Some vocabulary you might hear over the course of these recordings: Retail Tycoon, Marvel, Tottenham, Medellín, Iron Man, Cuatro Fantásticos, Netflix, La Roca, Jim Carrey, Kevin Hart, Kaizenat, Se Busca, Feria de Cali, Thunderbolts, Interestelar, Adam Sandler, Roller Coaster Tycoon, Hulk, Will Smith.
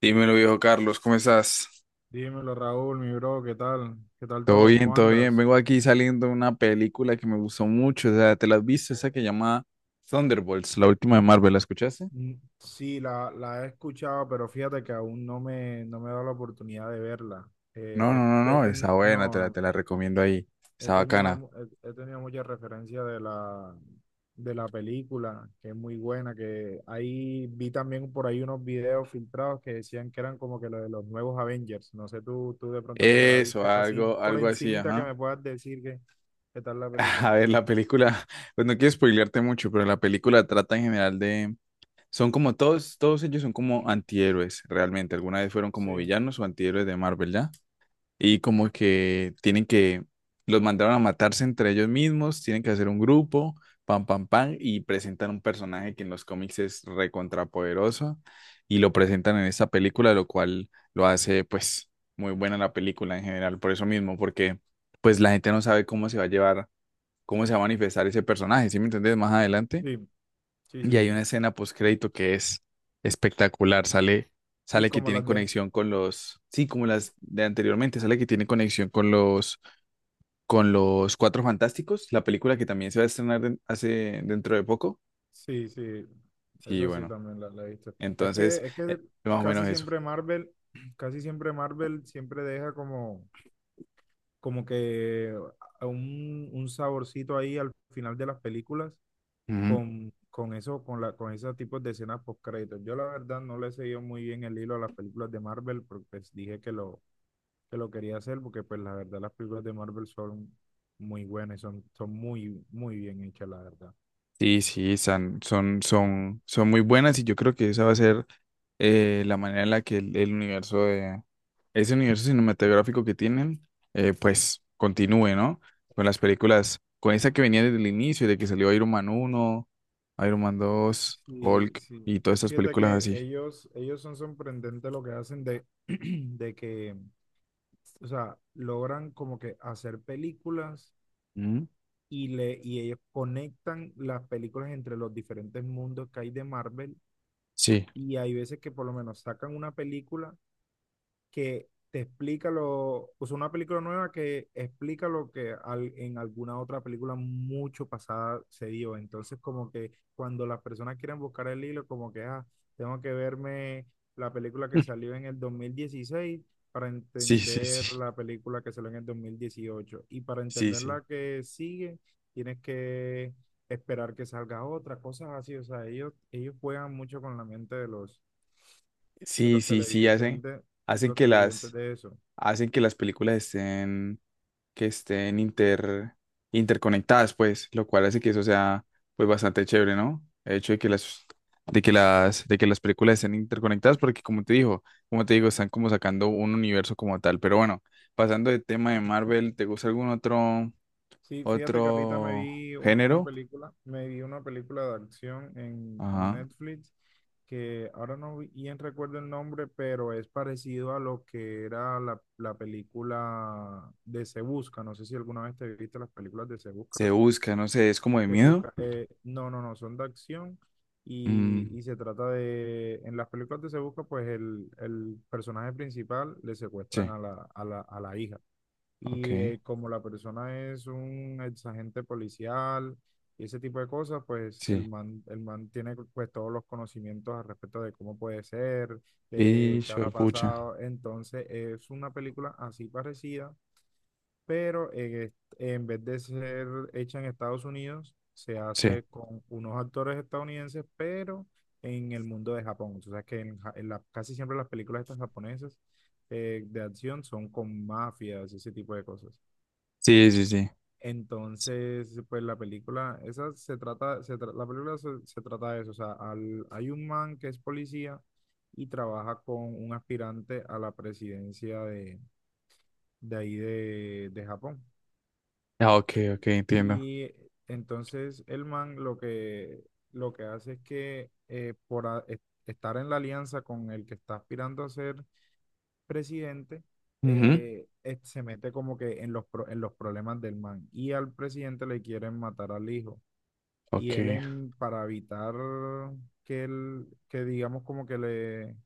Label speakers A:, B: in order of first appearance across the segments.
A: Dímelo, viejo Carlos, ¿cómo estás?
B: Dímelo, Raúl, mi bro, ¿qué tal? ¿Qué tal
A: Todo
B: todo?
A: bien,
B: ¿Cómo
A: todo bien.
B: andas?
A: Vengo aquí saliendo de una película que me gustó mucho. O sea, ¿te la has visto? Esa que llama Thunderbolts, la última de Marvel. ¿La escuchaste?
B: Mm, sí, la he escuchado, pero fíjate que aún no me he dado la oportunidad de verla.
A: No,
B: Eh,
A: no, no,
B: he- he
A: no, esa
B: ten-
A: buena, te
B: no,
A: la,
B: no,
A: te la recomiendo ahí,
B: he
A: está
B: tenido,
A: bacana.
B: mu- he tenido muchas referencias de la película, que es muy buena, que ahí vi también por ahí unos videos filtrados que decían que eran como que lo de los nuevos Avengers. No sé tú, de pronto que te la
A: Eso,
B: viste así
A: algo,
B: por
A: algo así,
B: encimita que
A: ajá.
B: me puedas decir qué tal la película.
A: A ver, la película, pues no quiero spoilearte mucho, pero la película trata en general de, son como todos ellos son como antihéroes, realmente. Alguna vez fueron como
B: Sí,
A: villanos o antihéroes de Marvel, ¿ya? Y como que tienen que, los mandaron a matarse entre ellos mismos, tienen que hacer un grupo, pam, pam, pam, y presentan un personaje que en los cómics es recontrapoderoso y lo presentan en esta película, lo cual lo hace pues muy buena la película en general, por eso mismo, porque pues la gente no sabe cómo se va a llevar, cómo se va a manifestar ese personaje, ¿sí me entendés? Más adelante.
B: sí, sí,
A: Y
B: sí, sí.
A: hay una escena postcrédito que es espectacular. Sale,
B: Y
A: sale que
B: como
A: tienen
B: las de.
A: conexión con los, sí, como las de anteriormente, sale que tienen conexión con los Cuatro Fantásticos, la película que también se va a estrenar hace dentro de poco.
B: Sí, sí,
A: Y
B: eso sí
A: bueno,
B: también la he visto. Es
A: entonces,
B: que, es que
A: más o menos
B: casi
A: eso.
B: siempre Marvel, casi siempre Marvel siempre deja como que a un saborcito ahí al final de las películas
A: Ujú.
B: con eso, con esos tipos de escenas post créditos. Yo la verdad no le he seguido muy bien el hilo a las películas de Marvel, porque pues dije que lo quería hacer, porque pues la verdad las películas de Marvel son muy buenas, y son muy, muy bien hechas, la verdad.
A: Sí, sí, son muy buenas y yo creo que esa va a ser la manera en la que el universo de ese universo cinematográfico que tienen, pues continúe, ¿no? Con las películas, con esa que venía desde el inicio, de que salió Iron Man 1, Iron Man 2,
B: Sí,
A: Hulk
B: sí.
A: y todas estas
B: Fíjate
A: películas
B: que
A: así.
B: ellos son sorprendentes lo que hacen de, de que, o sea, logran como que hacer películas
A: Mm,
B: y ellos conectan las películas entre los diferentes mundos que hay de Marvel.
A: sí,
B: Y hay veces que por lo menos sacan una película que te explica o sea, una película nueva que explica lo que en alguna otra película mucho pasada se dio. Entonces, como que cuando las personas quieren buscar el hilo, como que, ah, tengo que verme la película que salió en el 2016 para
A: sí, sí, sí,
B: entender la película que salió en el 2018. Y para
A: sí,
B: entender
A: sí,
B: la que sigue, tienes que esperar que salga otra, cosas así. O sea, ellos juegan mucho con la mente de los de
A: sí,
B: los
A: sí, sí, hacen,
B: televidentes,
A: hacen
B: los
A: que
B: televidentes
A: las,
B: de eso.
A: hacen que las películas estén que estén inter, interconectadas, pues, lo cual hace que eso sea, pues, bastante chévere, ¿no? El hecho de que las, de que las, de que las películas estén interconectadas, porque como te digo, están como sacando un universo como tal. Pero bueno, pasando del tema de Marvel, ¿te gusta algún otro,
B: Sí, fíjate que ahorita
A: otro género?
B: me vi una película de acción en
A: Ajá.
B: Netflix que ahora no bien recuerdo el nombre, pero es parecido a lo que era la película de Se Busca. No sé si alguna vez te viste las películas de Se
A: Se
B: Busca.
A: busca, no sé, es como de
B: Se
A: miedo.
B: Busca, no, no, no, son de acción y,
A: Mm,
B: y se trata de, en las películas de Se Busca, pues el personaje principal le secuestran
A: sí,
B: a la hija. Y
A: ok,
B: eh, como la persona es un ex agente policial y ese tipo de cosas, pues el
A: sí.
B: man, el man tiene pues todos los conocimientos al respecto de cómo puede ser,
A: Y
B: de qué
A: hijo de
B: habrá
A: pucha.
B: pasado. Entonces es una película así parecida, pero en vez de ser hecha en Estados Unidos, se
A: Sí,
B: hace con unos actores estadounidenses, pero en el mundo de Japón. O sea que en, Ja- en la- casi siempre las películas estas japonesas de acción son con mafias, ese tipo de cosas.
A: sí, sí, sí.
B: Entonces, pues la película, esa se trata, se tra- la película se trata de eso, o sea, hay un man que es policía y trabaja con un aspirante a la presidencia de ahí de Japón.
A: Ah, ok, ok, entiendo.
B: Y entonces el man lo que hace es que estar en la alianza con el que está aspirando a ser presidente,
A: Ujú.
B: se mete como que en los problemas del man y al presidente le quieren matar al hijo. Y
A: Ok.
B: él para evitar que digamos como que le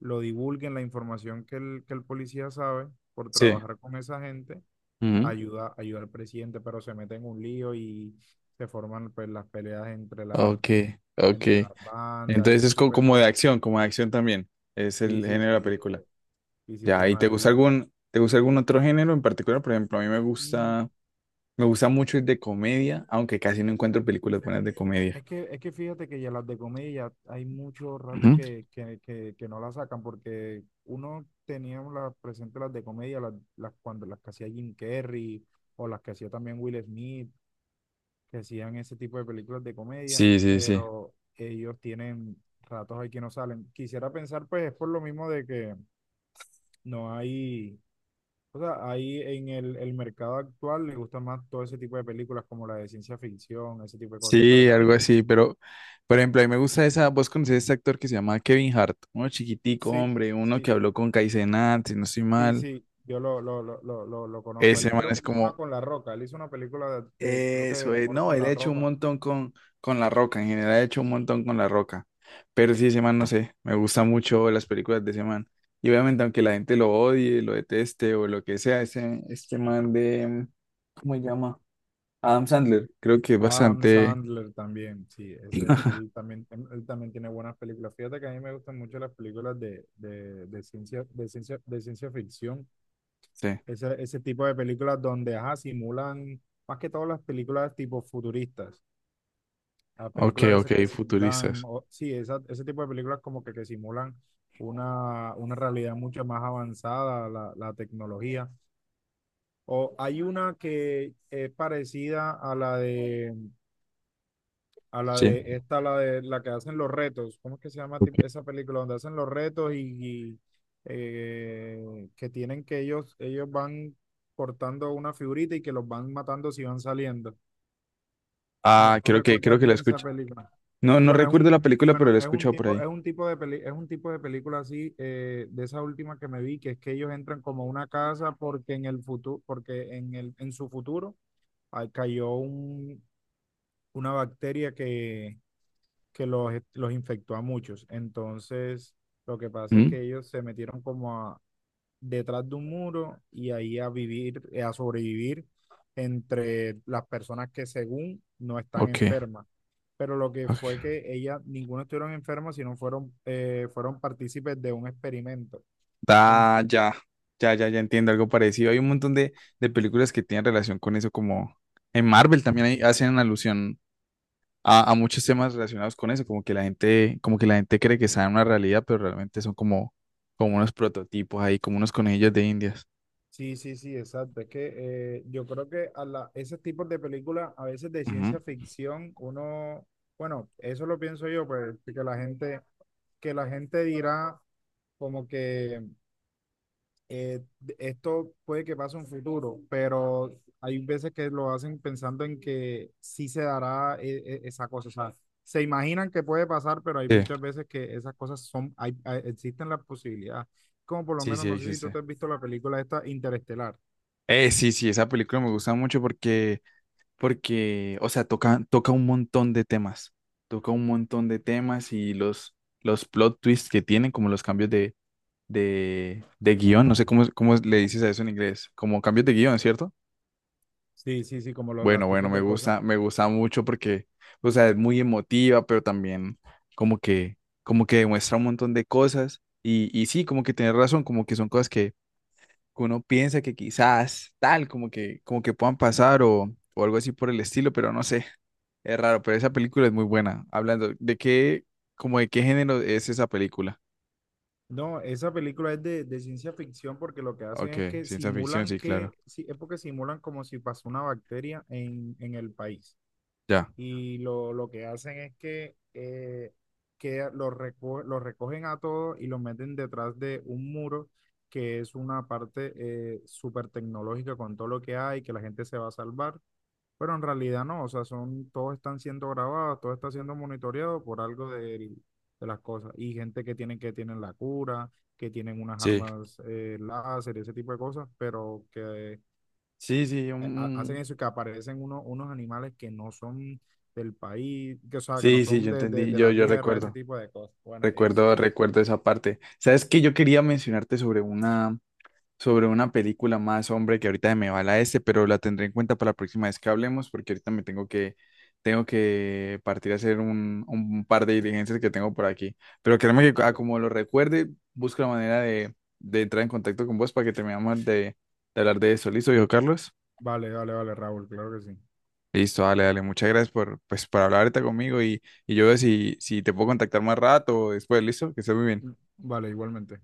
B: lo divulguen la información que el policía sabe por
A: Sí.
B: trabajar con esa gente,
A: Ujú.
B: ayuda al presidente, pero se mete en un lío y se forman pues las peleas entre la,
A: Ok, ok.
B: entre las bandas y
A: Entonces
B: ese
A: es
B: tipo de cosas.
A: como de acción también. Es el
B: Sí, sí,
A: género de
B: sí,
A: la
B: sí,
A: película.
B: sí, sí, es
A: Ya, ¿y
B: una, es
A: te gusta algún otro género en particular? Por ejemplo, a mí
B: un-
A: me gusta mucho el de comedia, aunque casi no encuentro películas buenas de comedia.
B: Es que fíjate que ya las de comedia hay mucho rato
A: Ujú.
B: que no las sacan porque uno teníamos las presentes las de comedia, cuando las que hacía Jim Carrey o las que hacía también Will Smith, que hacían ese tipo de películas de comedia,
A: Sí, sí, sí.
B: pero ellos tienen ratos ahí que no salen. Quisiera pensar pues es por lo mismo de que no hay, o sea, ahí en el mercado actual le gusta más todo ese tipo de películas como la de ciencia ficción, ese tipo de cosas. La
A: Sí,
B: verdad,
A: algo así, pero por ejemplo, a mí me gusta esa, vos conocés a este actor que se llama Kevin Hart, uno chiquitico,
B: sí.
A: hombre, uno que
B: Sí,
A: habló con Kaizenat, si no estoy
B: sí,
A: mal.
B: sí, yo lo conozco.
A: Ese
B: Él
A: man
B: creo que
A: es
B: hizo una
A: como,
B: con La Roca. Él hizo una película creo que
A: eso
B: de
A: es,
B: amor
A: no,
B: con
A: él ha
B: la
A: hecho un
B: ropa.
A: montón con La Roca, en general ha hecho un montón con La Roca, pero sí, ese man, no sé, me gustan mucho las películas de ese man, y obviamente aunque la gente lo odie, lo deteste o lo que sea, ese, este man de, ¿cómo se llama? Adam Sandler, creo que es
B: Adam
A: bastante,
B: Sandler también, sí, ese, él también, em, él también tiene buenas películas. Fíjate que a mí me gustan mucho las películas de ciencia ficción.
A: sí,
B: Ese tipo de películas donde, ajá, simulan, más que todas las películas tipo futuristas. A
A: ok,
B: películas esas que
A: ok,
B: simulan,
A: futuristas,
B: sí, ese tipo de películas que simulan una realidad mucho más avanzada, la tecnología. O hay una que es parecida a la
A: sí,
B: de esta, la de la que hacen los retos. ¿Cómo es que se llama
A: ok,
B: esa película? Donde hacen los retos y, que tienen que ellos van cortando una figurita y que los van matando si van saliendo. No,
A: ah,
B: no
A: creo
B: recuerdas
A: que la
B: bien esa
A: escuché,
B: película.
A: no, no
B: Bueno,
A: recuerdo la película, pero
B: bueno,
A: la he escuchado por ahí,
B: es un tipo de película así, de esa última que me vi, que es que ellos entran como a una casa porque en el futuro, porque en su futuro cayó una bacteria que los infectó a muchos. Entonces, lo que pasa es
A: mm,
B: que ellos se metieron como a detrás de un muro y ahí a sobrevivir entre las personas que según no están
A: ok,
B: enfermas. Pero lo que fue
A: ok,
B: que ellas, ninguno estuvieron enfermas, sino fueron partícipes de un experimento.
A: ah,
B: Ento-
A: ya, ya, ya, ya entiendo algo parecido. Hay un montón de películas que tienen relación con eso, como en Marvel también hacen alusión a muchos temas relacionados con eso, como que la gente, como que la gente cree que sabe una realidad, pero realmente son como, como unos prototipos ahí, como unos conejillos de indias.
B: sí, sí, sí, exacto. Es que yo creo que ese tipo de películas, a veces de
A: Ujú.
B: ciencia ficción, uno, bueno, eso lo pienso yo, pues, que la gente dirá como que eh, esto puede que pase en futuro, pero hay veces que lo hacen pensando en que sí se dará esa cosa. O sea, se imaginan que puede pasar, pero hay
A: Sí,
B: muchas veces que esas cosas existen las posibilidades. Como por lo
A: sí,
B: menos,
A: sí,
B: no sé si tú te
A: existe.
B: has visto la película esta Interestelar.
A: Sí, sí, esa película me gusta mucho porque, porque, o sea, toca, toca un montón de temas, toca un montón de temas y los plot twists que tienen, como los cambios de de guión, no sé cómo, cómo le dices a eso en inglés, como cambios de guión, ¿cierto?
B: Sí, sí, sí, como los,
A: Bueno,
B: los
A: bueno,
B: tipos de cosas.
A: me gusta mucho porque, o sea, es muy emotiva, pero también como que, como que demuestra un montón de cosas y sí, como que tienes razón, como que son cosas que uno piensa que quizás tal, como que puedan pasar o algo así por el estilo, pero no sé, es raro, pero esa película es muy buena. Hablando, ¿de qué, como de qué género es esa película?
B: No, esa película es de ciencia ficción porque lo que hacen
A: Ok,
B: es que
A: ciencia ficción,
B: simulan
A: sí, claro.
B: que, sí, es porque simulan como si pasó una bacteria en el país.
A: Ya.
B: Y lo que hacen es que los recogen a todos y los meten detrás de un muro que es una parte súper tecnológica con todo lo que hay, que la gente se va a salvar, pero en realidad no, o sea, todos están siendo grabados, todo está siendo monitoreado por algo de las cosas y gente que tienen la cura, que tienen unas
A: Sí.
B: armas láser, ese tipo de cosas, pero que
A: Sí, sí,
B: hacen eso y que aparecen unos animales que no son del país, que, o sea, que no
A: sí, sí,
B: son
A: yo
B: de, de-
A: entendí,
B: de
A: yo,
B: la
A: yo
B: tierra, ese
A: recuerdo,
B: tipo de cosas. Bueno,
A: recuerdo, recuerdo esa parte. Sabes que yo quería mencionarte sobre una película más, hombre, que ahorita me va la este, pero la tendré en cuenta para la próxima vez que hablemos, porque ahorita me tengo que partir a hacer un par de diligencias que tengo por aquí. Pero créeme que a
B: vale,
A: como lo recuerde, busco la manera de entrar en contacto con vos para que terminemos de hablar de eso. ¿Listo, viejo Carlos?
B: vale, vale, vale, Raúl, claro que sí.
A: Listo, dale, dale. Muchas gracias por, pues, por hablar ahorita conmigo y yo veo si, si te puedo contactar más rato o después, ¿listo? Que estés muy bien.
B: Vale, igualmente.